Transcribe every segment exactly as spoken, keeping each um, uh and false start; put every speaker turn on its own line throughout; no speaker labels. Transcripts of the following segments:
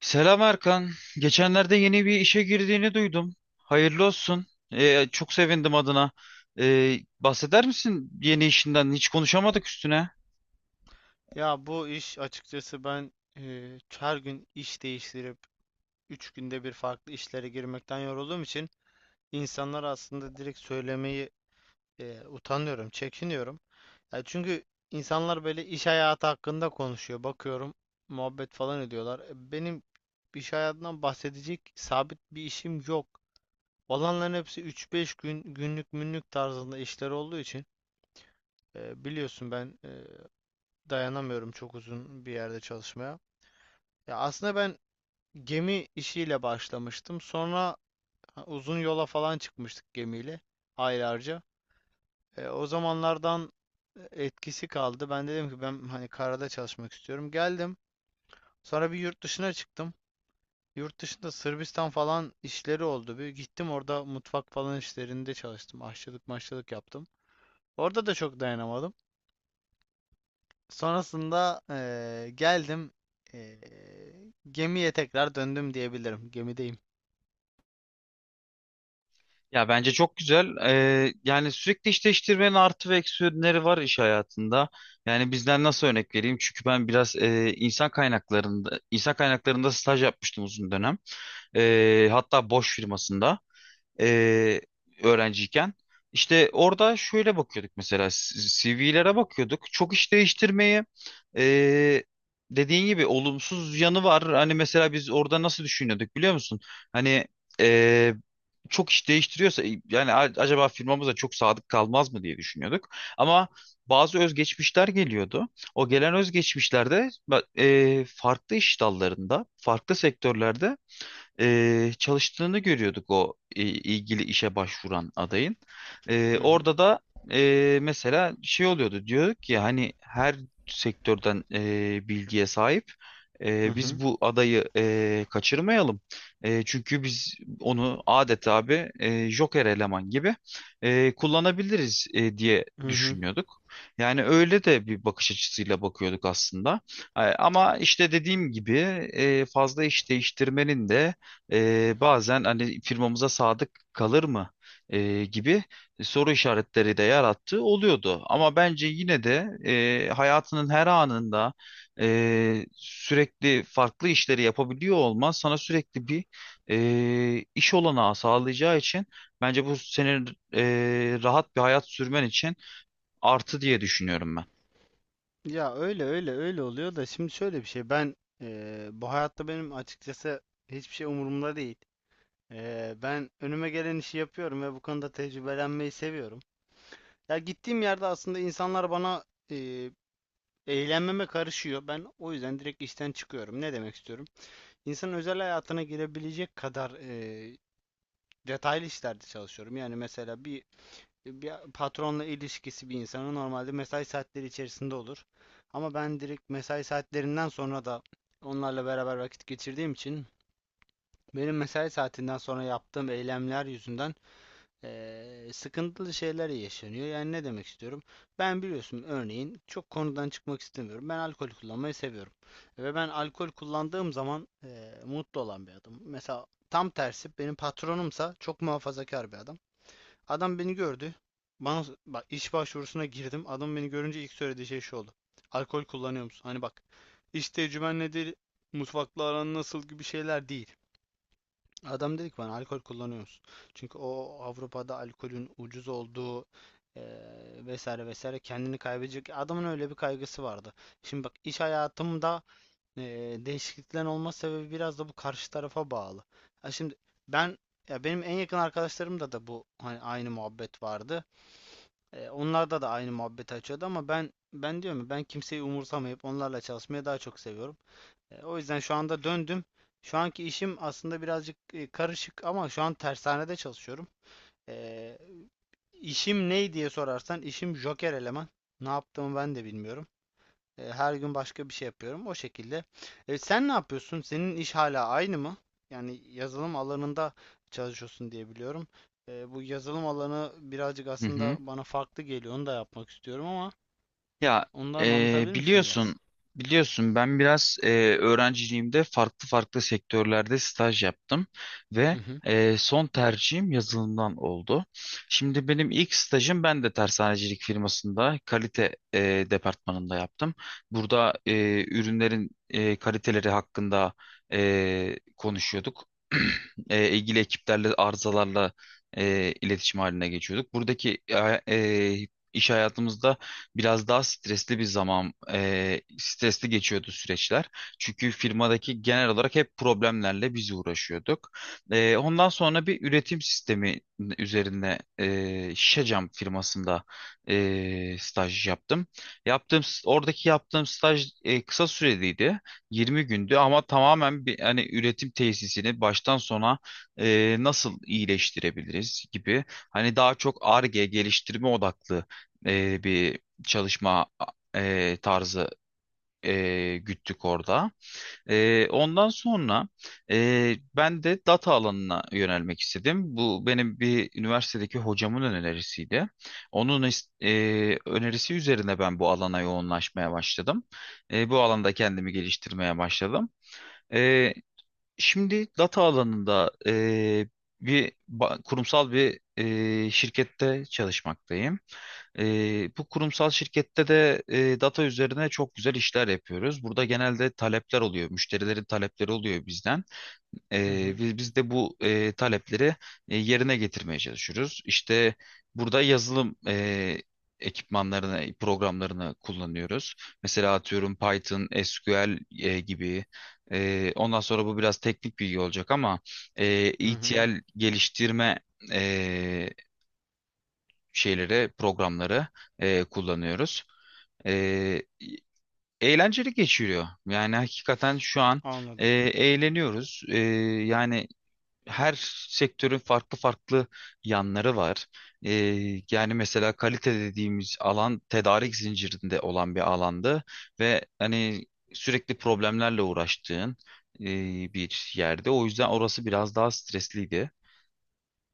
Selam Erkan. Geçenlerde yeni bir işe girdiğini duydum. Hayırlı olsun. Ee, çok sevindim adına. Ee, bahseder misin yeni işinden? Hiç konuşamadık üstüne.
Ya bu iş açıkçası ben eee, her gün iş değiştirip üç günde bir farklı işlere girmekten yorulduğum için insanlara aslında direkt söylemeyi eee, utanıyorum, çekiniyorum. Ya çünkü insanlar böyle iş hayatı hakkında konuşuyor. Bakıyorum muhabbet falan ediyorlar. E, Benim iş hayatından bahsedecek sabit bir işim yok. Olanların hepsi üç beş gün günlük münlük tarzında işler olduğu için e, biliyorsun ben e, dayanamıyorum çok uzun bir yerde çalışmaya. Ya aslında ben gemi işiyle başlamıştım. Sonra ha, uzun yola falan çıkmıştık gemiyle aylarca. E, o zamanlardan e, etkisi kaldı. Ben dedim ki ben hani karada çalışmak istiyorum. Geldim. Sonra bir yurt dışına çıktım. Yurt dışında Sırbistan falan işleri oldu. Bir gittim orada mutfak falan işlerinde çalıştım. Aşçılık maşçılık yaptım. Orada da çok dayanamadım. Sonrasında eee, geldim. Eee, Gemiye tekrar döndüm diyebilirim. Gemideyim.
Ya bence çok güzel. Ee, yani sürekli iş değiştirmenin artı ve eksi yönleri var iş hayatında. Yani bizden nasıl örnek vereyim? Çünkü ben biraz e, insan kaynaklarında insan kaynaklarında staj yapmıştım uzun dönem. Ee, hatta Boş firmasında. e, Öğrenciyken. İşte orada şöyle bakıyorduk, mesela C V'lere bakıyorduk. Çok iş değiştirmeyi, e, dediğin gibi, olumsuz yanı var. Hani mesela biz orada nasıl düşünüyorduk, biliyor musun? Hani e, çok iş değiştiriyorsa yani a- acaba firmamıza çok sadık kalmaz mı diye düşünüyorduk. Ama bazı özgeçmişler geliyordu. O gelen özgeçmişlerde ba- e, farklı iş dallarında, farklı sektörlerde e, çalıştığını görüyorduk o e, ilgili işe başvuran adayın. E,
Hı hı.
orada da e, mesela şey oluyordu, diyorduk ki hani her sektörden e, bilgiye sahip.
Hı
E, biz
hı.
bu adayı e, kaçırmayalım. E, çünkü biz onu adeta abi e, Joker eleman gibi e, kullanabiliriz e, diye
Hı hı.
düşünüyorduk. Yani öyle de bir bakış açısıyla bakıyorduk aslında. E, ama işte dediğim gibi e, fazla iş değiştirmenin de ee, bazen hani firmamıza sadık kalır mı Ee, gibi soru işaretleri de yarattığı oluyordu. Ama bence yine de e, hayatının her anında e, sürekli farklı işleri yapabiliyor olman sana sürekli bir e, iş olanağı sağlayacağı için bence bu senin e, rahat bir hayat sürmen için artı diye düşünüyorum ben.
Ya öyle öyle öyle oluyor da şimdi şöyle bir şey ben eee, bu hayatta benim açıkçası hiçbir şey umurumda değil. Eee, ben önüme gelen işi yapıyorum ve bu konuda tecrübelenmeyi seviyorum. Ya gittiğim yerde aslında insanlar bana eee eğlenmeme karışıyor. Ben o yüzden direkt işten çıkıyorum. Ne demek istiyorum? İnsanın özel hayatına girebilecek kadar eee, detaylı işlerde çalışıyorum. Yani mesela bir bir patronla ilişkisi bir insanın normalde mesai saatleri içerisinde olur. Ama ben direkt mesai saatlerinden sonra da onlarla beraber vakit geçirdiğim için benim mesai saatinden sonra yaptığım eylemler yüzünden eee, sıkıntılı şeyler yaşanıyor. Yani ne demek istiyorum? Ben biliyorsun örneğin çok konudan çıkmak istemiyorum. Ben alkol kullanmayı seviyorum. Ve ben alkol kullandığım zaman eee, mutlu olan bir adam. Mesela tam tersi benim patronumsa çok muhafazakar bir adam. Adam beni gördü. Bana bak iş başvurusuna girdim. Adam beni görünce ilk söylediği şey şu oldu. Alkol kullanıyor musun? Hani bak iş tecrüben nedir? Mutfakla aran nasıl gibi şeyler değil. Adam dedi ki bana alkol kullanıyor musun? Çünkü o Avrupa'da alkolün ucuz olduğu eee, vesaire vesaire kendini kaybedecek. Adamın öyle bir kaygısı vardı. Şimdi bak iş hayatımda eee değişikliklerin olma sebebi biraz da bu karşı tarafa bağlı. Ha şimdi ben ya benim en yakın arkadaşlarımda da bu hani aynı muhabbet vardı. E, onlarda da aynı muhabbeti açıyordu ama ben ben diyorum ya, ben kimseyi umursamayıp onlarla çalışmayı daha çok seviyorum. E, o yüzden şu anda döndüm. Şu anki işim aslında birazcık e, karışık ama şu an tersanede çalışıyorum. E, işim ne diye sorarsan işim joker eleman. Ne yaptığımı ben de bilmiyorum. E, her gün başka bir şey yapıyorum. O şekilde. E, sen ne yapıyorsun? Senin iş hala aynı mı? Yani yazılım alanında çalışıyorsun diye biliyorum. E, bu yazılım alanı birazcık
Hı
aslında
hı.
bana farklı geliyor. Onu da yapmak istiyorum ama
Ya
ondan
e,
anlatabilir misin biraz?
biliyorsun biliyorsun ben biraz e, öğrenciliğimde farklı farklı sektörlerde staj yaptım
Hı
ve
hı.
e, son tercihim yazılımdan oldu. Şimdi benim ilk stajım ben de tersanecilik firmasında kalite e, departmanında yaptım. Burada e, ürünlerin e, kaliteleri hakkında e, konuşuyorduk. E, ilgili ekiplerle arızalarla e, iletişim haline geçiyorduk. Buradaki e, e, iş hayatımızda biraz daha stresli bir zaman, e, stresli geçiyordu süreçler. Çünkü firmadaki genel olarak hep problemlerle biz uğraşıyorduk. E, ondan sonra bir üretim sistemi üzerine e, Şişecam firmasında e, staj yaptım. Yaptığım oradaki yaptığım staj e, kısa süreliydi. yirmi gündü, ama tamamen bir hani üretim tesisini baştan sona e, nasıl iyileştirebiliriz gibi, hani daha çok Ar-Ge geliştirme odaklı e, bir çalışma e, tarzı e, güttük orada. E, ondan sonra e, ben de data alanına yönelmek istedim. Bu benim bir üniversitedeki hocamın önerisiydi. Onun is- e, önerisi üzerine ben bu alana yoğunlaşmaya başladım. E, bu alanda kendimi geliştirmeye başladım. E, Şimdi data alanında eee, bir ba- kurumsal bir eee, şirkette çalışmaktayım. Eee, bu kurumsal şirkette de eee, data üzerine çok güzel işler yapıyoruz. Burada genelde talepler oluyor, müşterilerin talepleri oluyor bizden.
Hı
Ee,
hı.
biz, biz de bu e, talepleri e, yerine getirmeye çalışıyoruz. İşte burada yazılım e, ekipmanlarını, programlarını kullanıyoruz. Mesela atıyorum Python, S Q L e, gibi. E, ondan sonra bu biraz teknik bilgi olacak, ama e,
Hı hı.
ETL geliştirme e, şeyleri, programları e, kullanıyoruz. E, Eğlenceli geçiriyor. Yani hakikaten şu an e,
Anladım.
eğleniyoruz. E, yani her sektörün farklı farklı yanları var. Ee, Yani mesela kalite dediğimiz alan tedarik zincirinde olan bir alandı ve hani sürekli problemlerle uğraştığın e, bir yerde. O yüzden orası biraz daha stresliydi.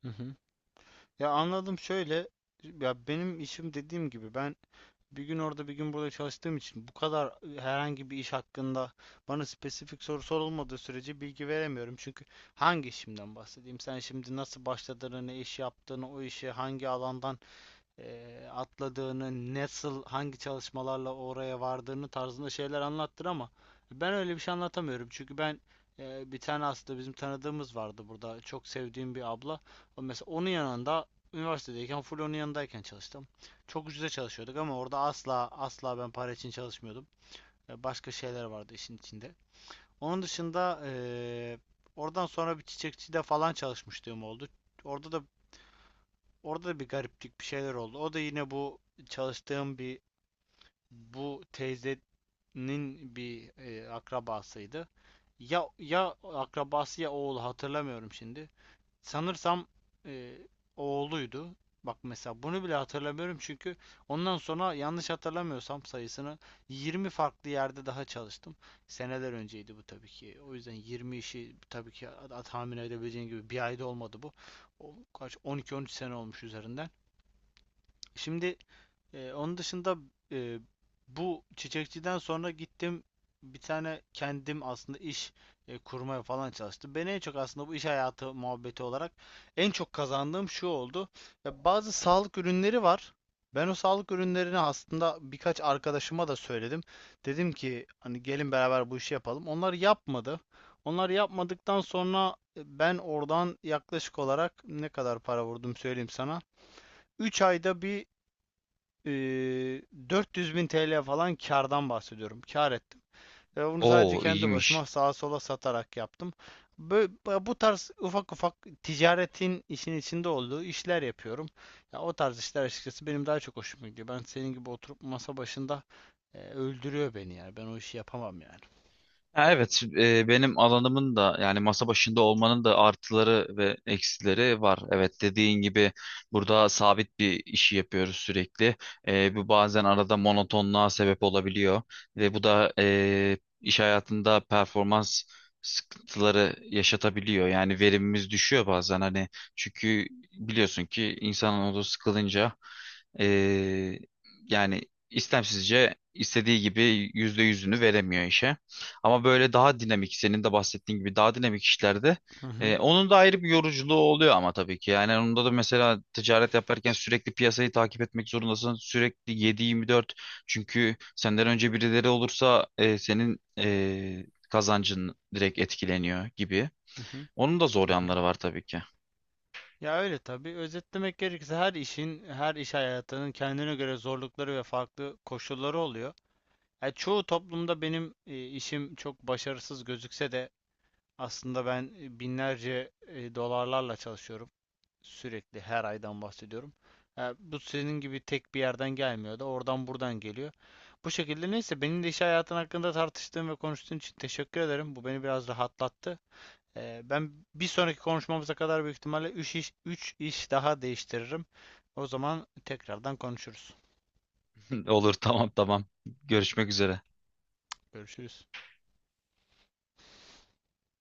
Hı hı. Ya anladım şöyle. Ya benim işim dediğim gibi ben bir gün orada bir gün burada çalıştığım için bu kadar e, herhangi bir iş hakkında bana spesifik soru sorulmadığı sürece bilgi veremiyorum. Çünkü hangi işimden bahsedeyim? Sen şimdi nasıl başladığını, ne iş yaptığını, o işe hangi alandan eee, atladığını, nasıl, hangi çalışmalarla oraya vardığını tarzında şeyler anlattır ama ben öyle bir şey anlatamıyorum. Çünkü ben eee, bir tane aslında bizim tanıdığımız vardı burada. Çok sevdiğim bir abla. O mesela onun yanında üniversitedeyken full onun yanındayken çalıştım. Çok ucuza çalışıyorduk ama orada asla asla ben para için çalışmıyordum. E, Başka şeyler vardı işin içinde. Onun dışında eee, oradan sonra bir çiçekçide falan çalışmışlığım oldu. Orada da Orada da bir gariplik bir şeyler oldu. O da yine bu çalıştığım bir bu teyzenin bir e, akrabasıydı. Ya ya akrabası ya oğlu hatırlamıyorum şimdi. Sanırsam e, oğluydu. Bak mesela bunu bile hatırlamıyorum çünkü ondan sonra yanlış hatırlamıyorsam sayısını yirmi farklı yerde daha çalıştım. Seneler önceydi bu tabii ki. O yüzden yirmi işi tabii ki tahmin edebileceğin gibi bir ayda olmadı bu. O, kaç on iki, on üç sene olmuş üzerinden. Şimdi e, onun dışında e, bu çiçekçiden sonra gittim bir tane kendim aslında iş e, kurmaya falan çalıştım. Ben en çok aslında bu iş hayatı muhabbeti olarak en çok kazandığım şu oldu. Ya bazı sağlık ürünleri var. Ben o sağlık ürünlerini aslında birkaç arkadaşıma da söyledim. Dedim ki hani gelin beraber bu işi yapalım. Onlar yapmadı. Onlar yapmadıktan sonra e, ben oradan yaklaşık olarak ne kadar para vurdum söyleyeyim sana. Üç ayda bir ee, dört yüz bin T L falan kardan bahsediyorum. Kar ettim. Ve bunu sadece
Oo,
kendi başıma
iyiymiş.
sağa sola satarak yaptım. Bö- bu bu tarz ufak ufak ticaretin işin içinde olduğu işler yapıyorum. Ya o tarz işler açıkçası benim daha çok hoşuma gidiyor. Ben senin gibi oturup masa başında e, öldürüyor beni yani. Ben o işi yapamam yani.
Ha, evet, e, benim alanımın da, yani masa başında olmanın da, artıları ve eksileri var. Evet, dediğin gibi burada sabit bir işi yapıyoruz sürekli. E, bu bazen arada monotonluğa sebep olabiliyor ve bu da e, iş hayatında performans sıkıntıları yaşatabiliyor. Yani verimimiz düşüyor bazen, hani çünkü biliyorsun ki insanın odası sıkılınca e, yani istemsizce istediği gibi yüzde yüzünü veremiyor işe. Ama böyle daha dinamik, senin de bahsettiğin gibi daha dinamik işlerde
Hı hı,
e, onun da ayrı bir yoruculuğu oluyor ama tabii ki. Yani onda da mesela ticaret yaparken sürekli piyasayı takip etmek zorundasın. Sürekli yedi yirmi dört, çünkü senden önce birileri olursa e, senin e, kazancın direkt etkileniyor gibi.
hı hı,
Onun da zor
hı hı.
yanları var tabii ki.
Ya öyle tabii. Özetlemek gerekirse her işin, her iş hayatının kendine göre zorlukları ve farklı koşulları oluyor. Ya çoğu toplumda benim e, işim çok başarısız gözükse de aslında ben e, binlerce e, dolarlarla çalışıyorum. Sürekli her aydan bahsediyorum. Ya bu senin gibi tek bir yerden gelmiyor da oradan buradan geliyor. Bu şekilde neyse benim iş hayatın hakkında tartıştığın ve konuştuğun için teşekkür ederim. Bu beni biraz rahatlattı. Ee, ben bir sonraki konuşmamıza kadar büyük ihtimalle üç iş, üç iş daha değiştiririm. O zaman tekrardan konuşuruz.
Olur, tamam tamam. Görüşmek üzere.
Görüşürüz.